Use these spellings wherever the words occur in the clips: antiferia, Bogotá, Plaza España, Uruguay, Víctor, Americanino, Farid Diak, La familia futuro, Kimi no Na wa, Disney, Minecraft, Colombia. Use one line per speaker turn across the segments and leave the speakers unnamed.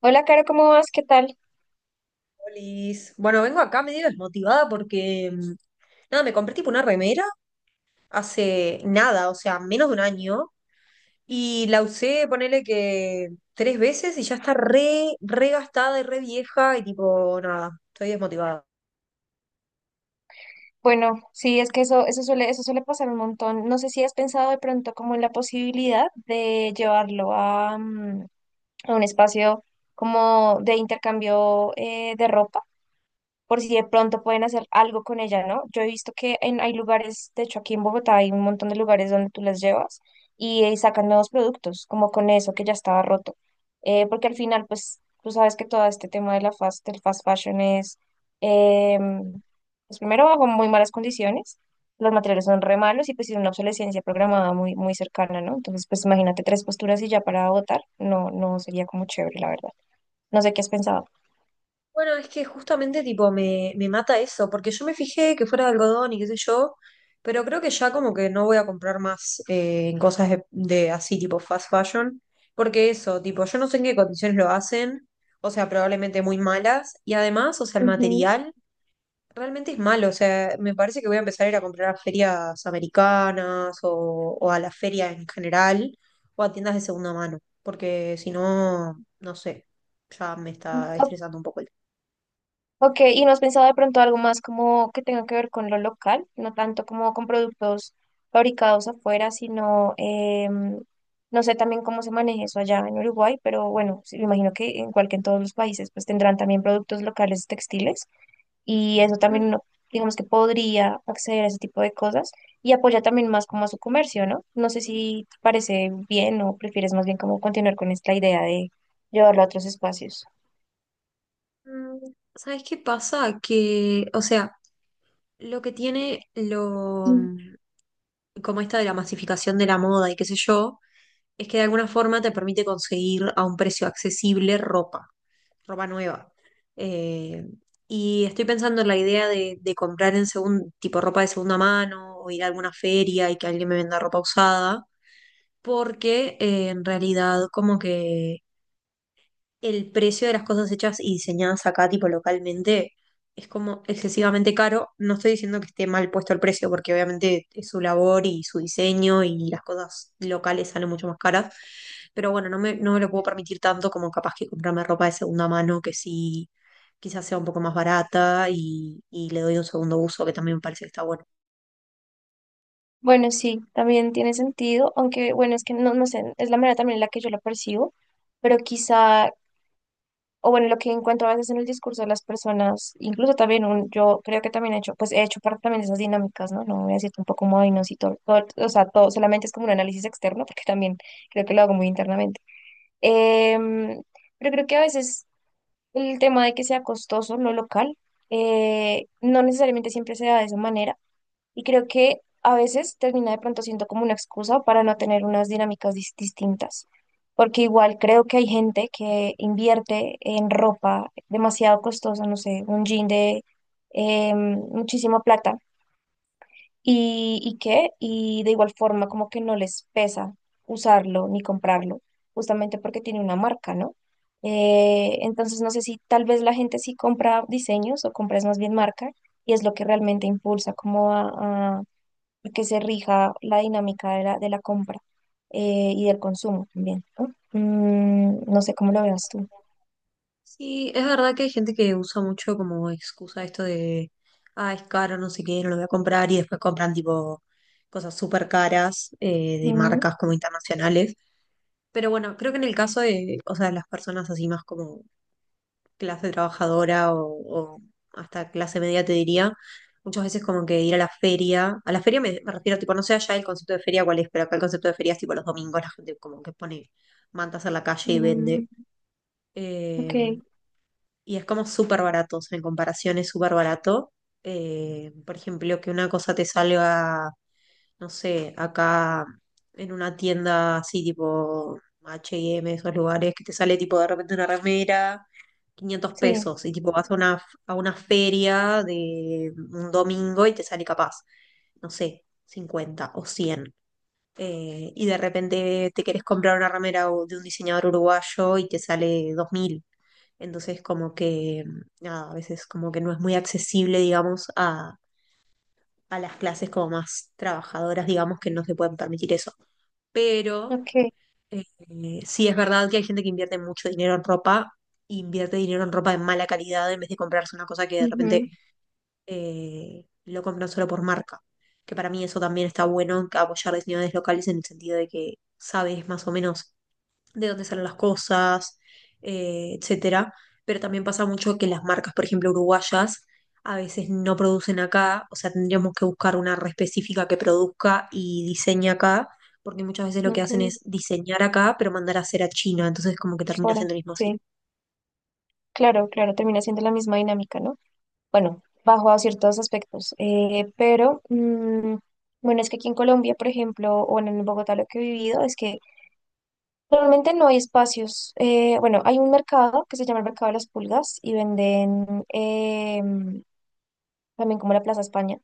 Hola, Caro, ¿cómo vas? ¿Qué tal?
Polis Bueno, vengo acá medio desmotivada porque, nada, me compré tipo una remera hace nada, o sea, menos de un año, y la usé, ponele que tres veces y ya está re, re gastada y re vieja y tipo, nada, estoy desmotivada.
Bueno, sí, es que eso suele pasar un montón. No sé si has pensado de pronto como en la posibilidad de llevarlo a un espacio como de intercambio de ropa. Por si de pronto pueden hacer algo con ella, ¿no? Yo he visto que hay lugares, de hecho aquí en Bogotá hay un montón de lugares donde tú las llevas y, sacan nuevos productos, como con eso que ya estaba roto. Porque al final, pues, tú sabes que todo este tema de del fast fashion es, em, pues primero bajo muy malas condiciones, los materiales son re malos y pues tiene una obsolescencia programada muy, muy cercana, ¿no? Entonces, pues imagínate tres posturas y ya para votar, no, no sería como chévere, la verdad. No sé qué has pensado.
Bueno, es que justamente tipo me mata eso, porque yo me fijé que fuera de algodón y qué sé yo, pero creo que ya como que no voy a comprar más en cosas de así tipo fast fashion, porque eso, tipo, yo no sé en qué condiciones lo hacen, o sea, probablemente muy malas, y además, o sea, el material realmente es malo, o sea, me parece que voy a empezar a ir a comprar a ferias americanas o a la feria en general, o a tiendas de segunda mano, porque si no, no sé, ya me está
Ujú.
estresando un poco el
Ok, ¿y no has pensado de pronto algo más como que tenga que ver con lo local? No tanto como con productos fabricados afuera, sino, no sé también cómo se maneja eso allá en Uruguay, pero bueno, sí, me imagino que igual que en todos los países, pues tendrán también productos locales textiles y eso también
tema.
uno, digamos que podría acceder a ese tipo de cosas y apoya también más como a su comercio, ¿no? No sé si te parece bien o prefieres más bien como continuar con esta idea de llevarlo a otros espacios.
Mm, ¿Sabes qué pasa? Que, o sea, lo que tiene lo, como esta de la masificación de la moda y qué sé yo, es que de alguna forma te permite conseguir a un precio accesible ropa, ropa nueva. Eh, y estoy pensando en la idea de comprar tipo ropa de segunda mano o ir a alguna feria y que alguien me venda ropa usada, porque en realidad como que el precio de las cosas hechas y diseñadas acá, tipo localmente, es como excesivamente caro. No estoy diciendo que esté mal puesto el precio, porque obviamente es su labor y su diseño y las cosas locales salen mucho más caras. Pero bueno, no me lo puedo permitir tanto como capaz que comprarme ropa de segunda mano, que sí, quizás sea un poco más barata y le doy un segundo uso, que también me parece que está bueno.
Bueno, sí, también tiene sentido, aunque bueno, es que no, no sé, es la manera también en la que yo lo percibo, pero quizá, o bueno, lo que encuentro a veces en el discurso de las personas, incluso también yo creo que también he hecho, pues he hecho parte también de esas dinámicas, ¿no? No voy a decir tampoco como, ay, no, sí, todo, o sea, todo, solamente es como un análisis externo, porque también creo que lo hago muy internamente. Em, pero creo que a veces el tema de que sea costoso, no local, no necesariamente siempre se da de esa manera y creo que a veces termina de pronto siendo como una excusa para no tener unas dinámicas distintas. Porque igual creo que hay gente que invierte en ropa demasiado costosa, no sé, un jean de muchísima plata. ¿Y qué? Y de igual forma como que no les pesa usarlo ni comprarlo, justamente porque tiene una marca, ¿no? Entonces no sé si tal vez la gente sí compra diseños o compra es más bien marca y es lo que realmente impulsa como a, porque se rija la dinámica de la compra y del consumo también, ¿no? No sé cómo lo veas tú.
Sí, es verdad que hay gente que usa mucho como excusa esto de, ah, es caro, no sé qué, no lo voy a comprar, y después compran tipo cosas súper caras de
Mm,
marcas como internacionales. Pero bueno, creo que en el caso de, o sea, las personas así más como clase trabajadora o hasta clase media, te diría, muchas veces como que ir a la feria me refiero tipo, no sé allá el concepto de feria cuál es, pero acá el concepto de feria es tipo los domingos, la gente como que pone mantas en la calle y vende.
mm,
Eh,
ok,
y es como súper barato, o sea, en comparación es súper barato. Por ejemplo, que una cosa te salga, no sé, acá en una tienda así tipo H&M, esos lugares, que te sale tipo de repente una remera, 500
sí,
pesos, y tipo vas a una feria de un domingo y te sale capaz, no sé, 50 o 100. Y de repente te querés comprar una remera o- de un diseñador uruguayo y te sale 2000. Entonces, como que, nada, a veces como que no es muy accesible, digamos, a las clases como más trabajadoras, digamos, que no se pueden permitir eso. Pero
ok,
eh, sí es verdad que hay gente que invierte mucho dinero en ropa, invierte dinero en ropa de mala calidad en vez de comprarse una cosa que de repente
ujú,
lo compran solo por marca. Que para mí eso también está bueno, apoyar diseñadores locales en el sentido de que sabes más o menos de dónde salen las cosas, etcétera. Pero también pasa mucho que las marcas, por ejemplo, uruguayas, a veces no producen acá, o sea, tendríamos que buscar una red específica que produzca y diseñe acá, porque muchas veces lo que
ok,
hacen es diseñar acá, pero mandar a hacer a China, entonces como que
por
termina
fuera,
siendo el mismo
sí,
ciclo.
claro, claro, termina siendo la misma dinámica, ¿no? Bueno, bajo a ciertos aspectos, pero bueno, es que aquí en Colombia, por ejemplo, o en Bogotá lo que he vivido es que normalmente no hay espacios. Bueno, hay un mercado que se llama el mercado de las pulgas y venden también como la Plaza España,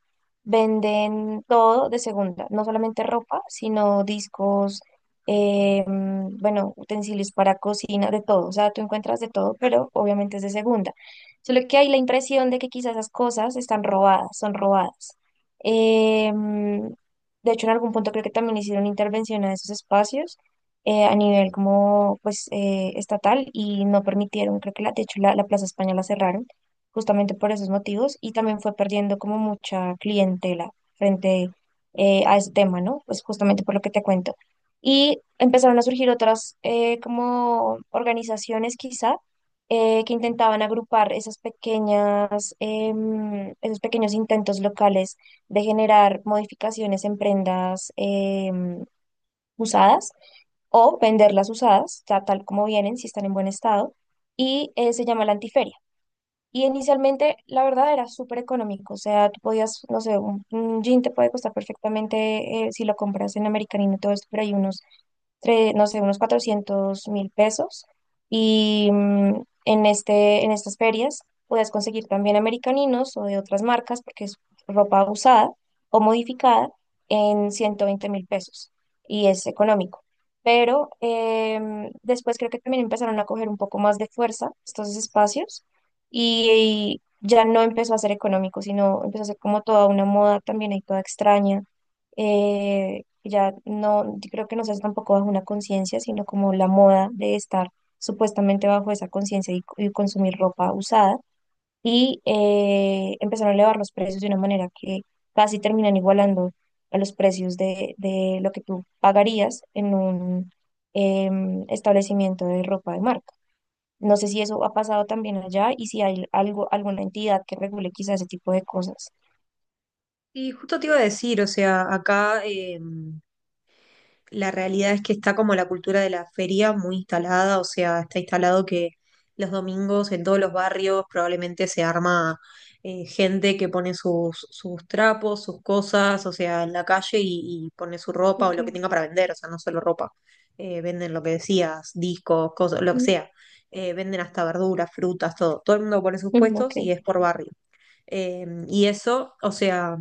venden todo de segunda, no solamente ropa, sino discos, bueno, utensilios para cocina, de todo. O sea, tú encuentras de todo,
Claro.
pero obviamente es de segunda. Solo que hay la impresión de que quizás esas cosas están robadas, son robadas. Eh, mm, de hecho, en algún punto creo que también hicieron intervención a esos espacios. A nivel como pues estatal y no permitieron, creo que de hecho la Plaza España la cerraron justamente por esos motivos y también fue perdiendo como mucha clientela frente a ese tema, ¿no? Pues justamente por lo que te cuento. Y empezaron a surgir otras como organizaciones quizá que intentaban agrupar esas esos pequeños intentos locales de generar modificaciones en prendas usadas o venderlas usadas, tal como vienen, si están en buen estado, y se llama la antiferia. Y inicialmente, la verdad, era súper económico. O sea, tú podías, no sé, un jean te puede costar perfectamente si lo compras en Americanino, todo esto, pero hay unos no sé, unos 400.000 pesos. Y en estas ferias puedes conseguir también americaninos o de otras marcas, porque es ropa usada o modificada en 120.000 pesos y es económico. Pero después creo que también empezaron a coger un poco más de fuerza estos espacios y, y ya no empezó a ser económico, sino empezó a ser como toda una moda también ahí toda extraña ya no, yo creo que no se hace tampoco bajo una conciencia, sino como la moda de estar supuestamente bajo esa conciencia y consumir ropa usada. Y empezaron a elevar los precios de una manera que casi terminan igualando a los precios de lo que tú pagarías en un establecimiento de ropa de marca. No sé si eso ha pasado también allá y si hay algo, alguna entidad que regule quizás ese tipo de cosas.
Y justo te iba a decir, o sea, acá. La realidad es que está como la cultura de la feria muy instalada, o sea, está instalado que los domingos en todos los barrios probablemente se arma gente que pone sus trapos, sus cosas, o sea, en la calle y pone su ropa o lo
Okay.
que tenga para vender, o sea, no solo ropa. Venden lo que decías, discos, cosas, lo que
Ujú,
sea. Venden hasta verduras, frutas, todo. Todo el mundo pone sus
ujú, ok.
puestos y es por barrio. Y eso, o sea,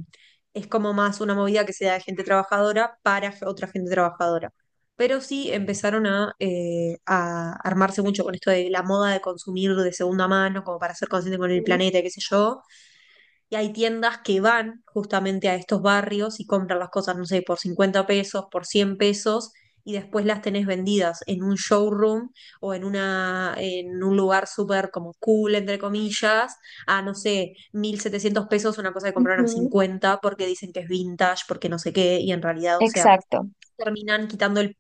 es como más una movida que sea de gente trabajadora para otra gente trabajadora. Pero sí empezaron a, a armarse mucho con esto de la moda de consumir de segunda mano, como para ser consciente con el
Ujú,
planeta y qué sé yo. Y hay tiendas que van justamente a estos barrios y compran las cosas, no sé, por 50 pesos, por 100 pesos, y después las tenés vendidas en un showroom o en un lugar súper como cool, entre comillas, a, no sé, 1.700 pesos, una cosa que compraron a
ujú.
50 porque dicen que es vintage, porque no sé qué, y en realidad, o sea,
Exacto.
terminan quitando el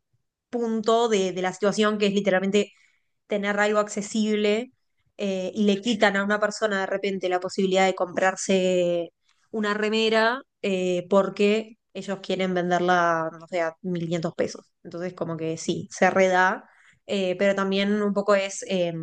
punto de la situación que es literalmente tener algo accesible y le quitan a una persona de repente la posibilidad de comprarse una remera porque ellos quieren venderla, no sé, a 1.500 pesos. Entonces, como que sí, se reda, pero también un poco es,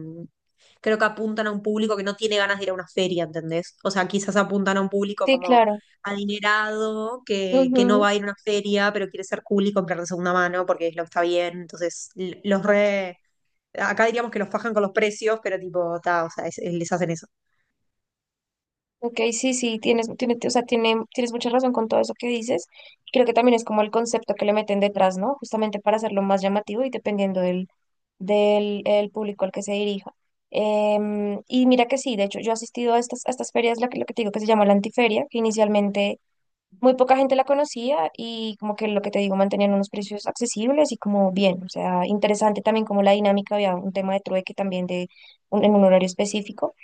creo que apuntan a un público que no tiene ganas de ir a una feria, ¿entendés? O sea, quizás apuntan a un público
Sí,
como
claro.
adinerado, que no va
Ujú.
a ir a una feria, pero quiere ser cool y comprar de segunda mano porque es lo que está bien. Entonces, l- los
Exacto.
re Acá diríamos que los fajan con los precios, pero tipo, ta, o sea, les hacen eso.
Ok, sí, sí, o sea, tienes mucha razón con todo eso que dices. Creo que también es como el concepto que le meten detrás, ¿no? Justamente para hacerlo más llamativo y dependiendo del el público al que se dirija. Y mira que sí, de hecho, yo he asistido a a estas ferias, lo que te digo que se llama la antiferia, que inicialmente muy poca gente la conocía y como que lo que te digo, mantenían unos precios accesibles y como bien, o sea, interesante también como la dinámica, había un tema de trueque también de en un horario específico,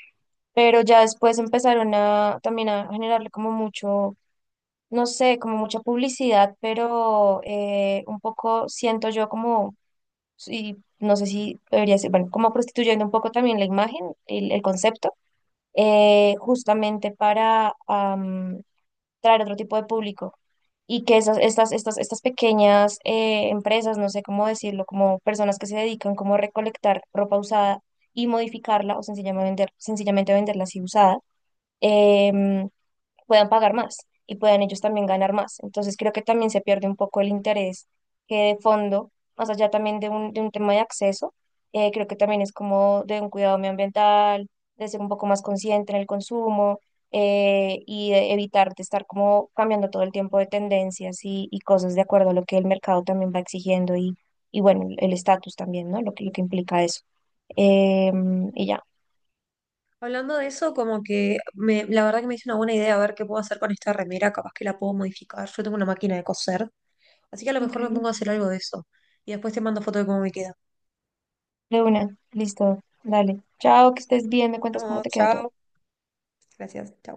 pero ya después empezaron a también a generarle como mucho, no sé, como mucha publicidad, pero un poco siento yo como, y no sé si debería ser, bueno, como prostituyendo un poco también la imagen, el concepto, justamente para... traer otro tipo de público y que estas pequeñas empresas, no sé cómo decirlo, como personas que se dedican como a recolectar ropa usada y modificarla o sencillamente venderla así usada, em, puedan pagar más y puedan ellos también ganar más. Entonces creo que también se pierde un poco el interés que de fondo, más allá también de un tema de acceso, creo que también es como de un cuidado medioambiental, de ser un poco más consciente en el consumo y de evitar de estar como cambiando todo el tiempo de tendencias y cosas de acuerdo a lo que el mercado también va exigiendo y bueno, el estatus también, ¿no? Lo que implica eso. Y ya.
Hablando de eso, como que me, la verdad que me hizo una buena idea a ver qué puedo hacer con esta remera, capaz que la puedo modificar. Yo tengo una máquina de coser, así que a lo
Ok.
mejor me pongo a hacer algo de eso. Y después te mando foto de cómo me queda.
De una, listo, dale. Chao, que estés bien, me cuentas cómo
Vamos,
te queda todo.
chao. Gracias, chao.